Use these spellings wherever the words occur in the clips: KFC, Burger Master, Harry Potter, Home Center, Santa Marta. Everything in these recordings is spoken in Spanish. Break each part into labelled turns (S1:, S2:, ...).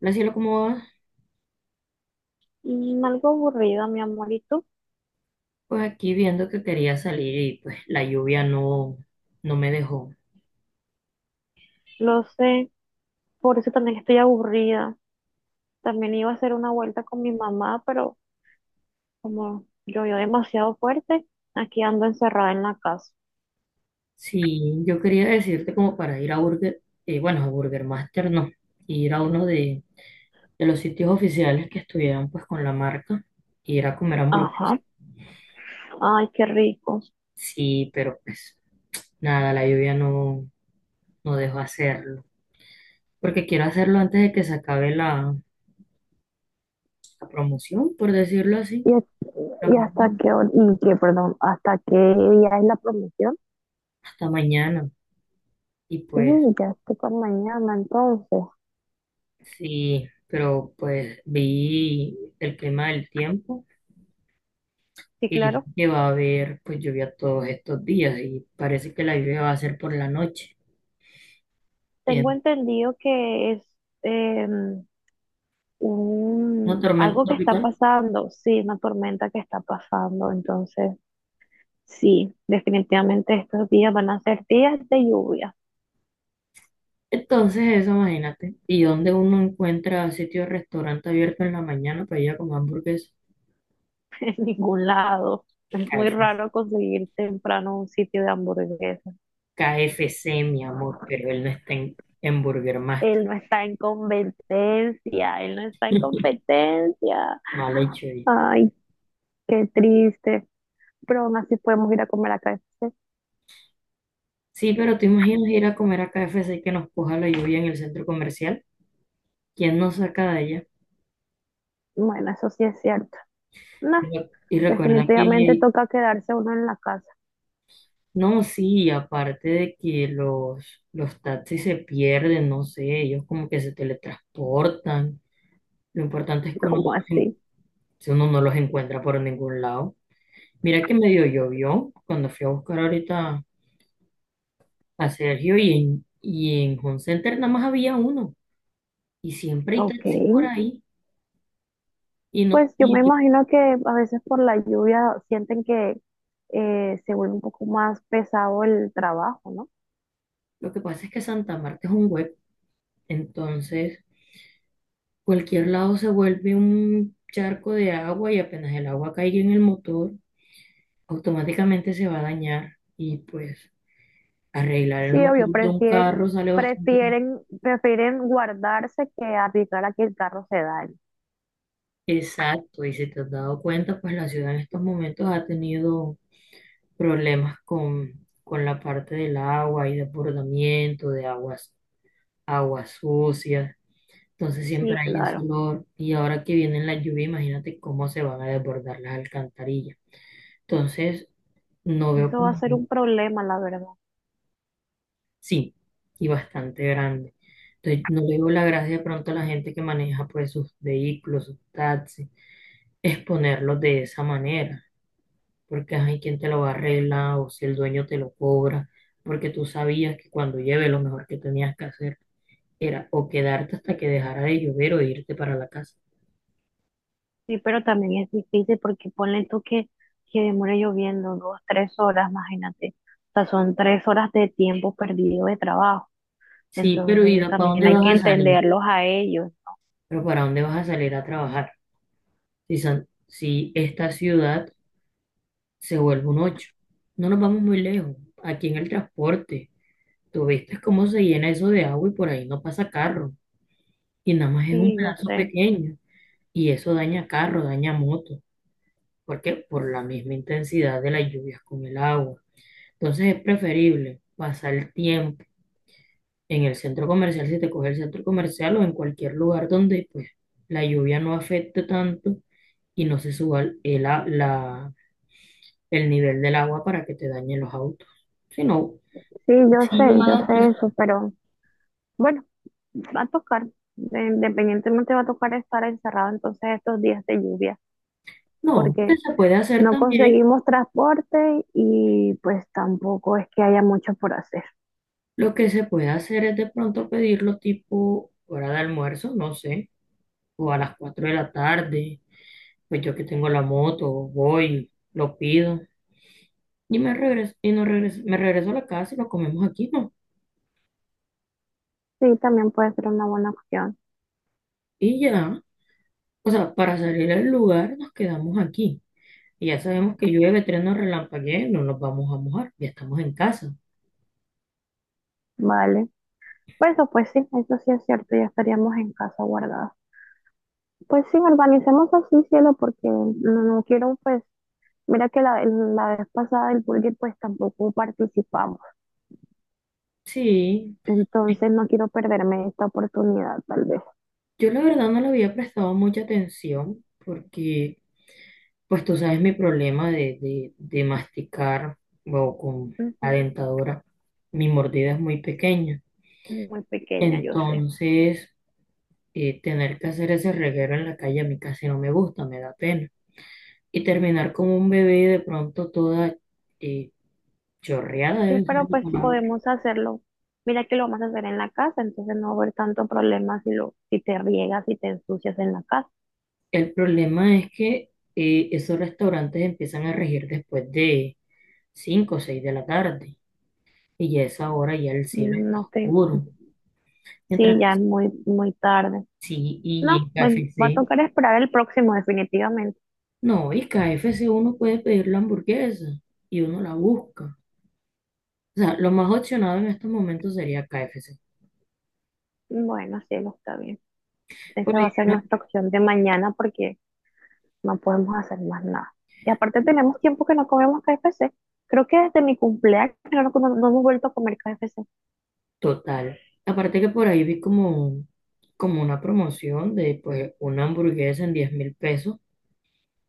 S1: La cielo, ¿cómo va?
S2: Algo aburrida, mi amorito.
S1: Pues aquí viendo que quería salir y pues la lluvia no me dejó.
S2: Lo sé, por eso también estoy aburrida. También iba a hacer una vuelta con mi mamá, pero como llovió demasiado fuerte, aquí ando encerrada en la casa.
S1: Sí, yo quería decirte como para ir a Burger, bueno, a Burger Master no, ir a uno de los sitios oficiales que estuvieran pues con la marca y ir a comer hamburguesas.
S2: Ajá. Ay, qué rico.
S1: Sí, pero pues nada, la lluvia no dejó hacerlo. Porque quiero hacerlo antes de que se acabe la promoción, por decirlo así.
S2: ¿Y, hasta
S1: Hasta
S2: y hasta
S1: mañana.
S2: qué hora, y qué, perdón, hasta qué día es la promoción?
S1: Hasta mañana. Y pues
S2: Uy, ya estoy con mañana, entonces.
S1: sí, pero pues vi el clima del tiempo
S2: Sí,
S1: y dije
S2: claro.
S1: que va a haber pues lluvia todos estos días y parece que la lluvia va a ser por la noche.
S2: Tengo
S1: En
S2: entendido que es em,
S1: Una tormenta
S2: algo que está
S1: tropical.
S2: pasando, sí, una tormenta que está pasando. Entonces, sí, definitivamente estos días van a ser días de lluvia.
S1: Entonces eso, imagínate. Y dónde uno encuentra sitio de restaurante abierto en la mañana para ir a comer hamburguesa.
S2: En ningún lado.
S1: K
S2: Es muy
S1: F C,
S2: raro conseguir temprano un sitio de hamburguesas.
S1: Mi amor, pero él no está en Burger Master.
S2: Él no está en competencia, él no está en competencia.
S1: Mal hecho ahí.
S2: Ay, qué triste. Pero aún así podemos ir a comer a KFC.
S1: Sí, pero tú imaginas ir a comer a K F C y que nos coja la lluvia en el centro comercial. ¿Quién nos saca de allá?
S2: Bueno, eso sí es cierto. No,
S1: Y recuerda
S2: definitivamente
S1: que,
S2: toca quedarse uno en la casa.
S1: no, sí, aparte de que los taxis se pierden, no sé, ellos como que se teletransportan. Lo importante es que uno, no
S2: ¿Cómo
S1: los
S2: así?
S1: si uno no los encuentra por ningún lado. Mira que medio llovió cuando fui a buscar ahorita a Sergio y en Home Center nada más había uno. Y siempre hay
S2: Ok.
S1: taxis por ahí. Y, no,
S2: Pues yo me
S1: y
S2: imagino que a veces por la lluvia sienten que se vuelve un poco más pesado el trabajo, ¿no?
S1: lo que pasa es que Santa Marta es un web, entonces. Cualquier lado se vuelve un charco de agua y apenas el agua caiga en el motor, automáticamente se va a dañar y pues arreglar
S2: Sí,
S1: el
S2: obvio,
S1: motor de un carro sale bastante caro.
S2: prefieren guardarse que arriesgar a que el carro se dañe.
S1: Exacto, y si te has dado cuenta, pues la ciudad en estos momentos ha tenido problemas con la parte del agua y desbordamiento de aguas sucias. Entonces siempre
S2: Sí,
S1: hay ese
S2: claro,
S1: olor y ahora que vienen las lluvias, imagínate cómo se van a desbordar las alcantarillas. Entonces, no veo
S2: eso va a
S1: como.
S2: ser un problema, la verdad.
S1: Sí, y bastante grande. Entonces, no le veo la gracia de pronto a la gente que maneja pues sus vehículos, sus taxis, exponerlos de esa manera, porque hay quien te lo va a arreglar o si el dueño te lo cobra, porque tú sabías que cuando lleve lo mejor que tenías que hacer era o quedarte hasta que dejara de llover o irte para la casa.
S2: Sí, pero también es difícil porque ponle tú que demore lloviendo dos, tres horas, imagínate. O sea, son tres horas de tiempo perdido de trabajo.
S1: Sí, pero ¿y
S2: Entonces
S1: para
S2: también
S1: dónde
S2: hay que
S1: vas a salir?
S2: entenderlos a ellos.
S1: Pero ¿para dónde vas a salir a trabajar? Si esta ciudad se vuelve un ocho, no nos vamos muy lejos, aquí en el transporte. Tú viste cómo se llena eso de agua y por ahí no pasa carro. Y nada más es un
S2: Sí, yo
S1: pedazo
S2: sé.
S1: pequeño. Y eso daña carro, daña moto. Porque por la misma intensidad de las lluvias con el agua. Entonces es preferible pasar el tiempo en el centro comercial, si te coge el centro comercial o en cualquier lugar donde pues la lluvia no afecte tanto y no se suba el nivel del agua para que te dañen los autos. Si no,
S2: Sí,
S1: si yo
S2: yo sé eso, pero bueno, va a tocar, independientemente va a tocar estar encerrado entonces estos días de lluvia,
S1: no, lo que
S2: porque
S1: se puede hacer
S2: no
S1: también.
S2: conseguimos transporte y pues tampoco es que haya mucho por hacer.
S1: Lo que se puede hacer es de pronto pedirlo tipo hora de almuerzo, no sé, o a las 4 de la tarde, pues yo que tengo la moto, voy, lo pido y me regreso, y no regreso, me regreso a la casa y lo comemos aquí, ¿no?
S2: Sí, también puede ser una buena opción,
S1: Y ya, o sea, para salir del lugar nos quedamos aquí. Y ya sabemos que llueve, trueno, relampaguee, no nos vamos a mojar, ya estamos en casa.
S2: ¿vale? Pues eso, pues sí, eso sí es cierto, ya estaríamos en casa guardados. Pues sí, organicemos así, cielo, porque no, no quiero, pues, mira que la vez pasada el Burger pues tampoco participamos.
S1: Sí,
S2: Entonces no quiero perderme esta oportunidad, tal vez.
S1: yo la verdad no le había prestado mucha atención porque pues tú sabes mi problema de, masticar o con la
S2: Ujú.
S1: dentadura. Mi mordida es muy pequeña.
S2: Muy pequeña, yo sé.
S1: Entonces, tener que hacer ese reguero en la calle a mí casi no me gusta, me da pena. Y terminar como un bebé de pronto toda, eh, chorreada,
S2: Sí,
S1: debe ser
S2: pero
S1: la
S2: pues
S1: palabra.
S2: podemos hacerlo. Mira que lo vamos a hacer en la casa, entonces no va a haber tanto problema si lo, si te riegas y te ensucias en la casa.
S1: El problema es que esos restaurantes empiezan a regir después de 5 o 6 de la tarde. Y ya a esa hora ya el cielo está
S2: No te,
S1: oscuro. Mientras
S2: sí,
S1: que
S2: ya es muy, muy tarde.
S1: sí, y
S2: No,
S1: en
S2: bueno, va a
S1: KFC.
S2: tocar esperar el próximo, definitivamente.
S1: No, y KFC uno puede pedir la hamburguesa y uno la busca. O sea, lo más opcionado en estos momentos sería KFC.
S2: Bueno, sí, lo está bien.
S1: Por
S2: Esa va a
S1: ahí,
S2: ser nuestra opción de mañana porque no podemos hacer más nada. Y aparte tenemos tiempo que no comemos KFC. Creo que desde mi cumpleaños no hemos vuelto a comer KFC.
S1: total. Aparte que por ahí vi como una promoción de pues una hamburguesa en 10.000 pesos.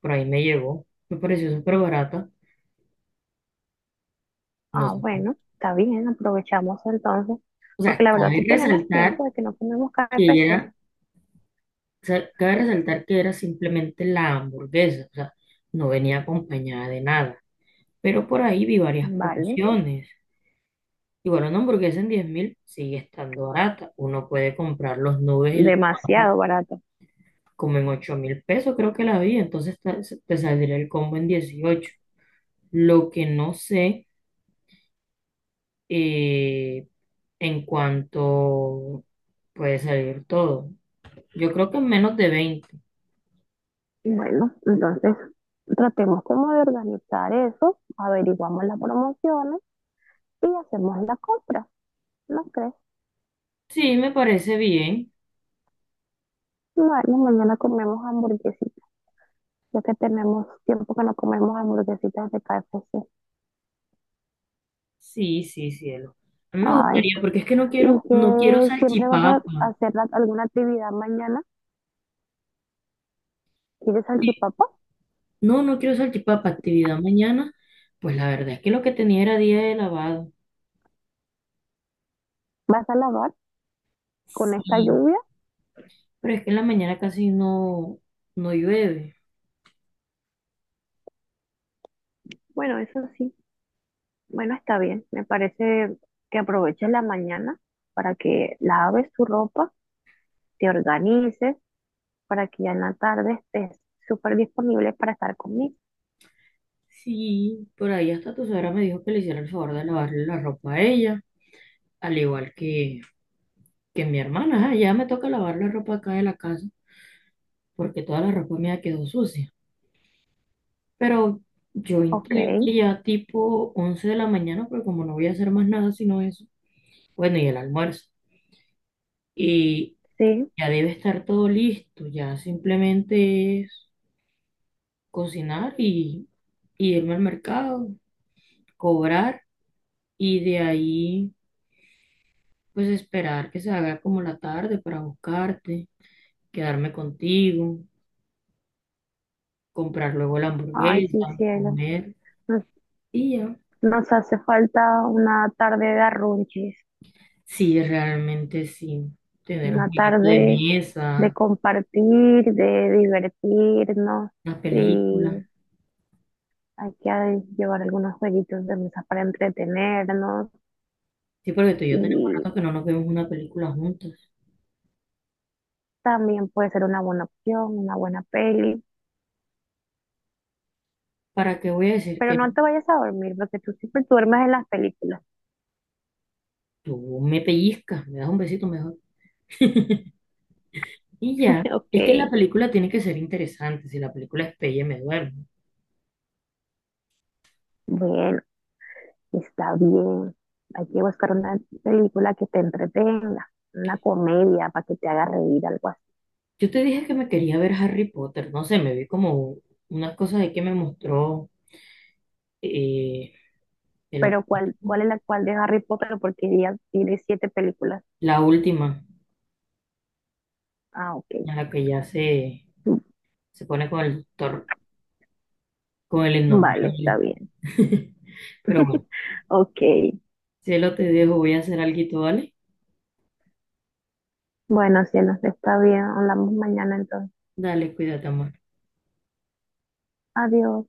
S1: Por ahí me llegó. Me pareció súper barata. No
S2: Ah,
S1: sé.
S2: bueno, está bien, aprovechamos entonces,
S1: O
S2: porque
S1: sea,
S2: la verdad
S1: cabe
S2: sí tenemos
S1: resaltar
S2: tiempo de que no comemos
S1: que
S2: KFC.
S1: era, o sea, cabe resaltar que era simplemente la hamburguesa. O sea, no venía acompañada de nada. Pero por ahí vi varias
S2: Vale,
S1: promociones. Y bueno, una hamburguesa en 10 mil sigue estando barata. Uno puede comprar los nubes y las papas
S2: demasiado barato.
S1: como en 8.000 pesos, creo que la vi. Entonces te saldría el combo en 18. Lo que no sé, eh, en cuanto puede salir todo. Yo creo que en menos de 20.
S2: Bueno, entonces tratemos como de organizar eso, averiguamos las promociones y hacemos la compra, ¿no crees?
S1: Sí, me parece bien.
S2: Bueno, mañana comemos hamburguesitas, ya que tenemos tiempo que no comemos hamburguesitas de KFC.
S1: Sí, sí, cielo. A mí me
S2: Ay,
S1: gustaría, porque es que
S2: ¿y
S1: no quiero
S2: que siempre vas a
S1: salchipapa.
S2: hacer alguna actividad mañana? ¿Quieres
S1: Sí,
S2: salchipapa?
S1: no, no quiero salchipapa, actividad mañana. Pues la verdad es que lo que tenía era día de lavado.
S2: ¿Vas a lavar con esta
S1: Sí,
S2: lluvia?
S1: pero es que en la mañana casi no llueve.
S2: Bueno, eso sí. Bueno, está bien. Me parece que aproveches la mañana para que laves tu ropa, te organices, para que ya en la tarde estés súper disponible para estar conmigo.
S1: Sí, por ahí hasta tu suegra me dijo que le hiciera el favor de lavarle la ropa a ella, al igual que mi hermana. Ah, ya me toca lavar la ropa acá de la casa, porque toda la ropa mía quedó sucia. Pero yo
S2: Ok,
S1: intuyo que ya tipo 11 de la mañana, porque como no voy a hacer más nada sino eso, bueno, y el almuerzo. Y
S2: sí.
S1: ya debe estar todo listo, ya simplemente es cocinar y irme al mercado, cobrar y de ahí pues esperar que se haga como la tarde para buscarte, quedarme contigo, comprar luego la
S2: Ay, sí,
S1: hamburguesa,
S2: cielo.
S1: comer
S2: Nos,
S1: y ya.
S2: nos hace falta una tarde de arrunches,
S1: Sí, realmente sí, tener un
S2: una
S1: jueguito de
S2: tarde de
S1: mesa,
S2: compartir, de divertirnos
S1: una película.
S2: y hay que llevar algunos jueguitos de mesa para entretenernos
S1: Sí, porque tú y yo tenemos
S2: y
S1: rato que no nos vemos una película juntas.
S2: también puede ser una buena opción, una buena peli,
S1: ¿Para qué voy a decir
S2: pero
S1: que no?
S2: no te vayas a dormir porque tú siempre duermes en las películas.
S1: Tú me pellizcas, me das un besito mejor. Y ya, es que la
S2: Ok,
S1: película tiene que ser interesante, si la película es pelle me duermo.
S2: bueno, está bien. Hay que buscar una película que te entretenga, una comedia para que te haga reír, algo así.
S1: Yo te dije que me quería ver Harry Potter, no sé, me vi como unas cosas ahí que me mostró, eh, de la,
S2: Pero ¿cuál, cuál es la cual de Harry Potter? Porque ya tiene 7 películas.
S1: la última,
S2: Ah, ok.
S1: en la que ya se pone con el doctor, con el
S2: Vale, está
S1: innombrable.
S2: bien.
S1: Pero bueno,
S2: Ok.
S1: si lo te dejo, voy a hacer alguito, ¿vale?
S2: Bueno, cielos, está bien. Hablamos mañana entonces.
S1: Dale, cuídate, amor.
S2: Adiós.